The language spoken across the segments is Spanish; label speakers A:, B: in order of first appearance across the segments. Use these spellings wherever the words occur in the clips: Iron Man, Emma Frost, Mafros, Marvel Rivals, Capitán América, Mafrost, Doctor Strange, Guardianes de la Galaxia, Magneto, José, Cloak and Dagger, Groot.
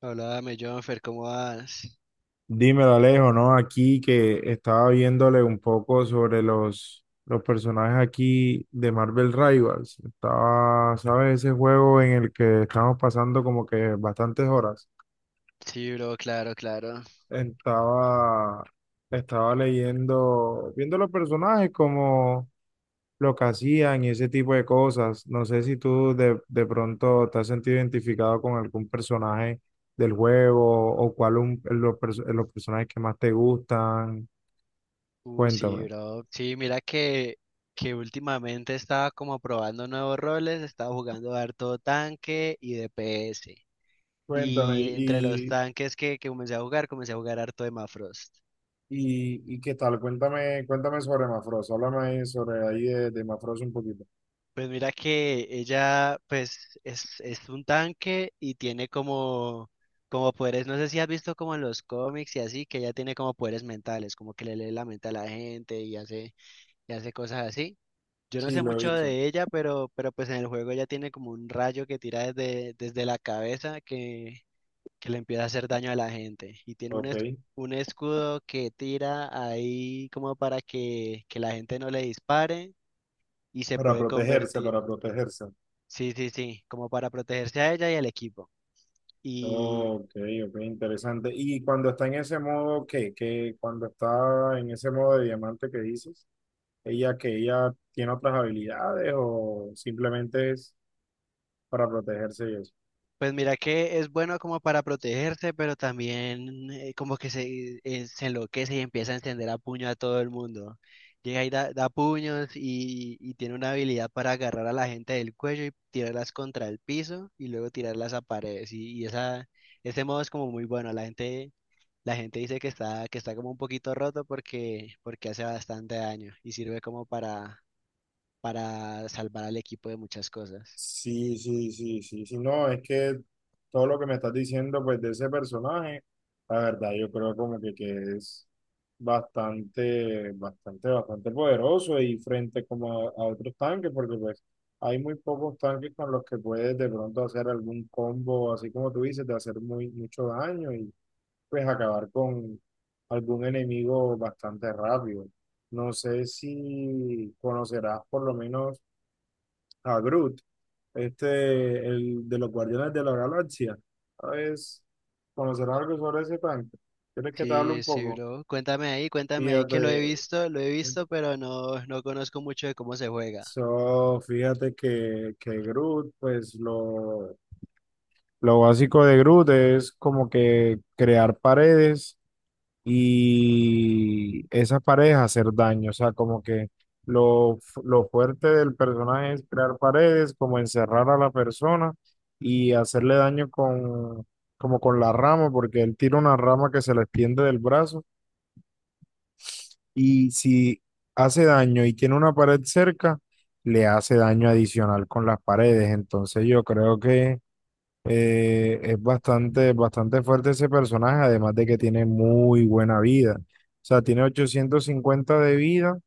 A: Háblame, Jonfer, ¿cómo vas?
B: Dímelo, Alejo, ¿no? Aquí que estaba viéndole un poco sobre los personajes aquí de Marvel Rivals. Estaba, ¿sabes? Ese juego en el que estamos pasando como que bastantes horas.
A: Sí, bro, claro, claro.
B: Estaba, estaba leyendo, viendo los personajes como lo que hacían y ese tipo de cosas. No sé si tú de pronto te has sentido identificado con algún personaje del juego o cuál un, los, los personajes que más te gustan.
A: Sí,
B: Cuéntame.
A: bro. Sí, mira que últimamente estaba como probando nuevos roles, estaba jugando harto tanque y DPS.
B: Cuéntame,
A: Y entre los
B: y,
A: tanques que comencé a jugar harto de Mafrost.
B: y qué tal, cuéntame sobre Mafros, háblame ahí sobre ahí de Mafros un poquito.
A: Pues mira que ella, pues, es un tanque y tiene como, como poderes, no sé si has visto como en los cómics y así, que ella tiene como poderes mentales, como que le lee la mente a la gente y hace cosas así. Yo no
B: Sí,
A: sé
B: lo he
A: mucho
B: visto.
A: de ella, pero pues en el juego ella tiene como un rayo que tira desde la cabeza que le empieza a hacer daño a la gente. Y tiene un,
B: Ok.
A: un escudo que tira ahí como para que la gente no le dispare y se
B: Para
A: puede
B: protegerse,
A: convertir,
B: para protegerse.
A: sí, sí, sí, como para protegerse a ella y al equipo.
B: Ok, ok, interesante. Y cuando está en ese modo, ¿qué? ¿Qué? Cuando está en ese modo de diamante que dices, ¿ella que ella tiene otras habilidades o simplemente es para protegerse y eso?
A: Pues mira que es bueno como para protegerse, pero también como que se se enloquece y empieza a encender a puño a todo el mundo. Llega y da, da puños y tiene una habilidad para agarrar a la gente del cuello y tirarlas contra el piso y luego tirarlas a paredes. Y esa, ese modo es como muy bueno. La gente dice que está como un poquito roto porque, porque hace bastante daño y sirve como para salvar al equipo de muchas cosas.
B: Sí, sí, sí, sí, sí, no, es que todo lo que me estás diciendo, pues, de ese personaje, la verdad, yo creo como que es bastante, bastante, bastante poderoso y frente como a otros tanques, porque pues hay muy pocos tanques con los que puedes de pronto hacer algún combo, así como tú dices, de hacer muy, mucho daño y pues acabar con algún enemigo bastante rápido. No sé si conocerás por lo menos a Groot este, el de los Guardianes de la Galaxia. ¿Sabes? ¿Conocer algo sobre ese tanque? ¿Quieres que te hable
A: Sí,
B: un
A: sí,
B: poco?
A: bro. Cuéntame ahí que
B: Fíjate,
A: lo he visto, pero no, no conozco mucho de cómo se juega.
B: so, fíjate que Groot, pues lo básico de Groot es como que crear paredes y esa paredes hacer daño. O sea, como que lo, lo fuerte del personaje es crear paredes, como encerrar a la persona y hacerle daño con, como con la rama, porque él tira una rama que se le extiende del brazo y si hace daño y tiene una pared cerca, le hace daño adicional con las paredes. Entonces yo creo que... es bastante, bastante fuerte ese personaje, además de que tiene muy buena vida. O sea, tiene 850 de vida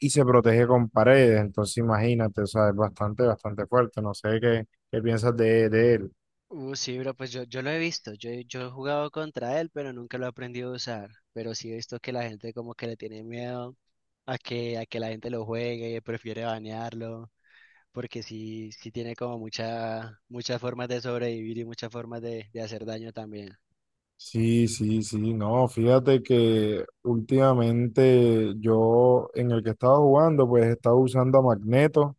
B: y se protege con paredes. Entonces, imagínate, o sea, es bastante, bastante fuerte. No sé qué, qué piensas de él.
A: Sí, bro, pues yo lo he visto. Yo, yo he jugado contra él, pero nunca lo he aprendido a usar. Pero sí he visto que la gente como que le tiene miedo a que la gente lo juegue, prefiere banearlo, porque sí, sí tiene como mucha, muchas formas de sobrevivir y muchas formas de hacer daño también.
B: Sí, sí, sí, no, fíjate que últimamente yo en el que estaba jugando, pues estaba usando a Magneto.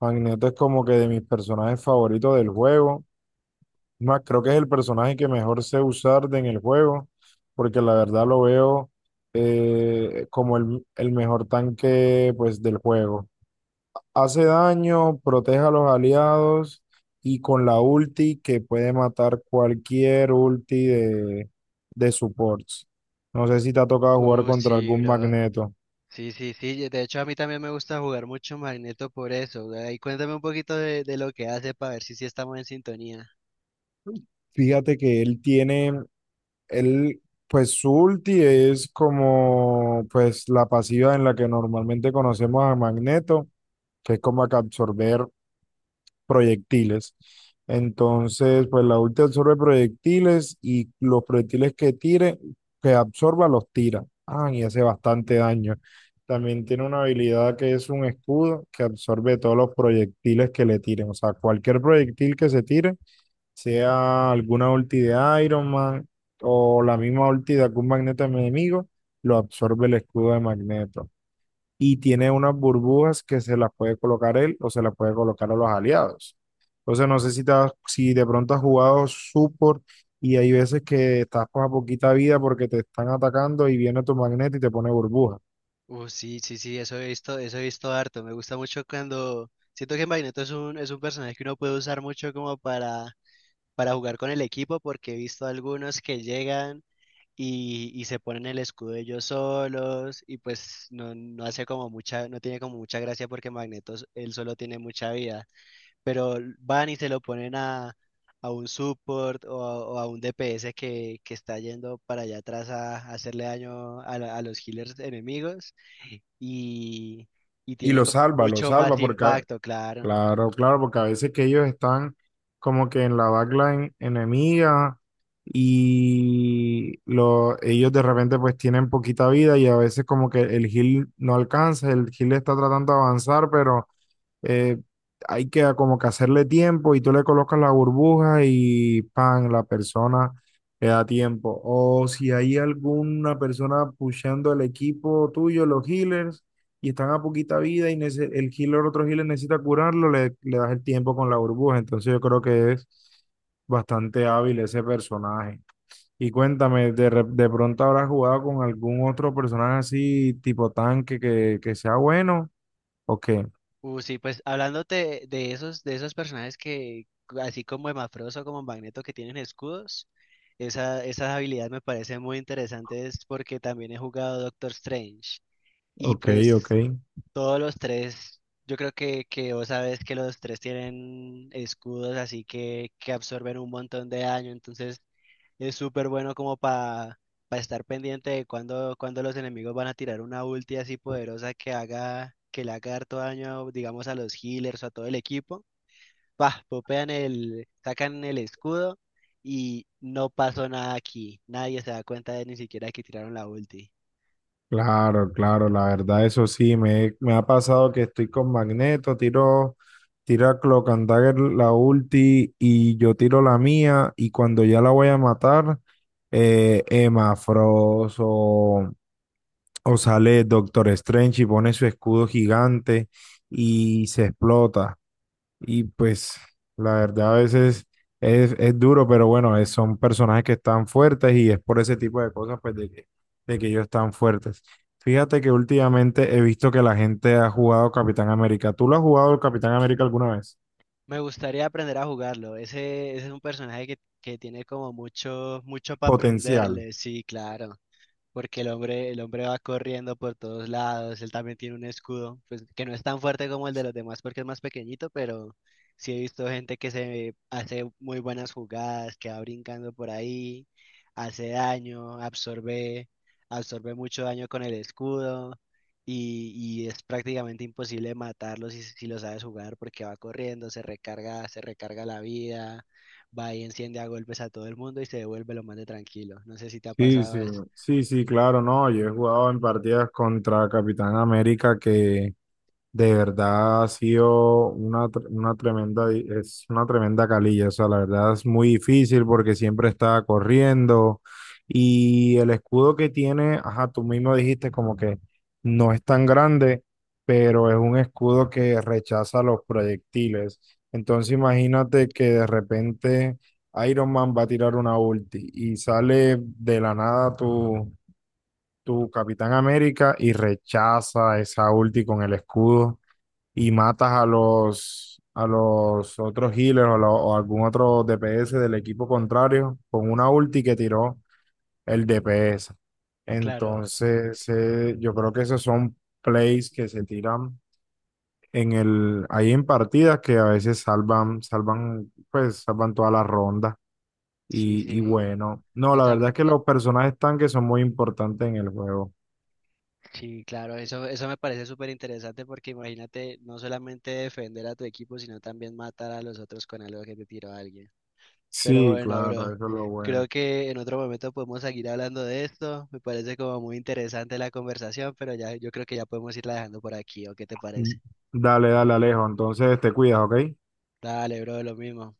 B: Magneto es como que de mis personajes favoritos del juego. Más, creo que es el personaje que mejor sé usar en el juego, porque la verdad lo veo como el mejor tanque pues, del juego. Hace daño, protege a los aliados y con la ulti que puede matar cualquier ulti de supports. No sé si te ha tocado jugar contra
A: Sí,
B: algún
A: bro.
B: Magneto.
A: Sí, sí, sí. De hecho, a mí también me gusta jugar mucho Magneto por eso. Ahí cuéntame un poquito de lo que hace para ver si sí estamos en sintonía.
B: Fíjate que él, pues su ulti es como pues la pasiva en la que normalmente conocemos a Magneto, que es como que absorber proyectiles. Entonces, pues la ulti absorbe proyectiles y los proyectiles que tire, que absorba, los tira. Ah, y hace bastante daño. También tiene una habilidad que es un escudo que absorbe todos los proyectiles que le tiren. O sea, cualquier proyectil que se tire sea alguna ulti de Iron Man o la misma ulti de algún magneto enemigo, lo absorbe el escudo de Magneto. Y tiene unas burbujas que se las puede colocar él o se las puede colocar a los aliados. Entonces no sé si, si de pronto has jugado support y hay veces que estás con poquita vida porque te están atacando y viene tu magneto y te pone burbuja.
A: Sí, sí, sí, eso he visto harto. Me gusta mucho cuando siento que Magneto es un personaje que uno puede usar mucho como para jugar con el equipo, porque he visto algunos que llegan y se ponen el escudo ellos solos, y pues no, no hace como mucha, no tiene como mucha gracia porque él solo tiene mucha vida, pero van y se lo ponen a un support o a un DPS que está yendo para allá atrás a hacerle daño a, a los healers enemigos y, y
B: Y
A: tiene como
B: lo
A: mucho más
B: salva porque
A: impacto, claro.
B: claro, claro, porque a veces que ellos están como que en la backline enemiga y lo, ellos de repente pues tienen poquita vida y a veces como que el heal no alcanza, el heal está tratando de avanzar, pero eh, hay que como que hacerle tiempo y tú le colocas la burbuja y pan, la persona le da tiempo. O si hay alguna persona pushando el equipo tuyo, los healers, y están a poquita vida y el healer, otro healer necesita curarlo, le das el tiempo con la burbuja. Entonces yo creo que es bastante hábil ese personaje. Y cuéntame, ¿de, de pronto habrás jugado con algún otro personaje así, tipo tanque, que sea bueno? Ok,
A: Sí, pues hablándote de esos personajes que, así como Emafrost o como Magneto, que tienen escudos, esa, esas habilidades me parecen muy interesantes porque también he jugado Doctor Strange. Y
B: ok, ok.
A: pues todos los tres, yo creo que vos sabes que los tres tienen escudos, así que absorben un montón de daño, entonces es súper bueno como para estar pendiente de cuando, cuando los enemigos van a tirar una ulti así poderosa que haga, que le haga harto daño, digamos, a los healers o a todo el equipo. Pa, popean el, sacan el escudo y no pasó nada aquí. Nadie se da cuenta de ni siquiera que tiraron la ulti.
B: Claro, claro, la verdad, eso sí, me ha pasado que estoy con Magneto, tiro a Cloak and Dagger la ulti y yo tiro la mía y cuando ya la voy a matar, Emma Frost o sale Doctor Strange y pone su escudo gigante y se explota. Y pues la verdad a veces es duro, pero bueno, son personajes que están fuertes y es por ese tipo de cosas pues de que ellos están fuertes. Fíjate que últimamente he visto que la gente ha jugado Capitán América. ¿Tú lo has jugado el Capitán América alguna vez?
A: Me gustaría aprender a jugarlo. Ese es un personaje que tiene como mucho, mucho para
B: Potencial.
A: aprenderle. Sí, claro, porque el hombre va corriendo por todos lados, él también tiene un escudo, pues que no es tan fuerte como el de los demás porque es más pequeñito, pero sí he visto gente que se hace muy buenas jugadas, que va brincando por ahí, hace daño, absorbe, absorbe mucho daño con el escudo y es prácticamente imposible matarlo si, si lo sabes jugar porque va corriendo, se recarga la vida, va y enciende a golpes a todo el mundo y se devuelve lo más de tranquilo. No sé si te ha
B: Sí, sí,
A: pasado eso.
B: sí, sí, claro, no. Yo he jugado en partidas contra Capitán América que de verdad ha sido una tremenda, es una tremenda calilla, o sea, la verdad es muy difícil porque siempre está corriendo y el escudo que tiene, ajá, tú mismo dijiste como que no es tan grande, pero es un escudo que rechaza los proyectiles. Entonces imagínate que de repente Iron Man va a tirar una ulti y sale de la nada tu Capitán América y rechaza esa ulti con el escudo y matas a a los otros healers o algún otro DPS del equipo contrario con una ulti que tiró el DPS.
A: Claro,
B: Entonces, yo creo que esos son plays que se tiran en el, ahí en partidas que a veces salvan, pues salvan toda la ronda.
A: sí,
B: Y
A: sí.
B: bueno, no, la
A: Esa,
B: verdad es que
A: eh,
B: los personajes tanques son muy importantes en el juego.
A: sí, claro, eso me parece súper interesante porque imagínate no solamente defender a tu equipo, sino también matar a los otros con algo que te tiró a alguien. Pero
B: Sí,
A: bueno, bro,
B: claro, eso es lo bueno.
A: creo que en otro momento podemos seguir hablando de esto. Me parece como muy interesante la conversación, pero ya yo creo que ya podemos irla dejando por aquí, ¿o qué te
B: Mm,
A: parece?
B: dale, dale, Alejo. Entonces te cuidas, ¿ok?
A: Dale, bro, lo mismo.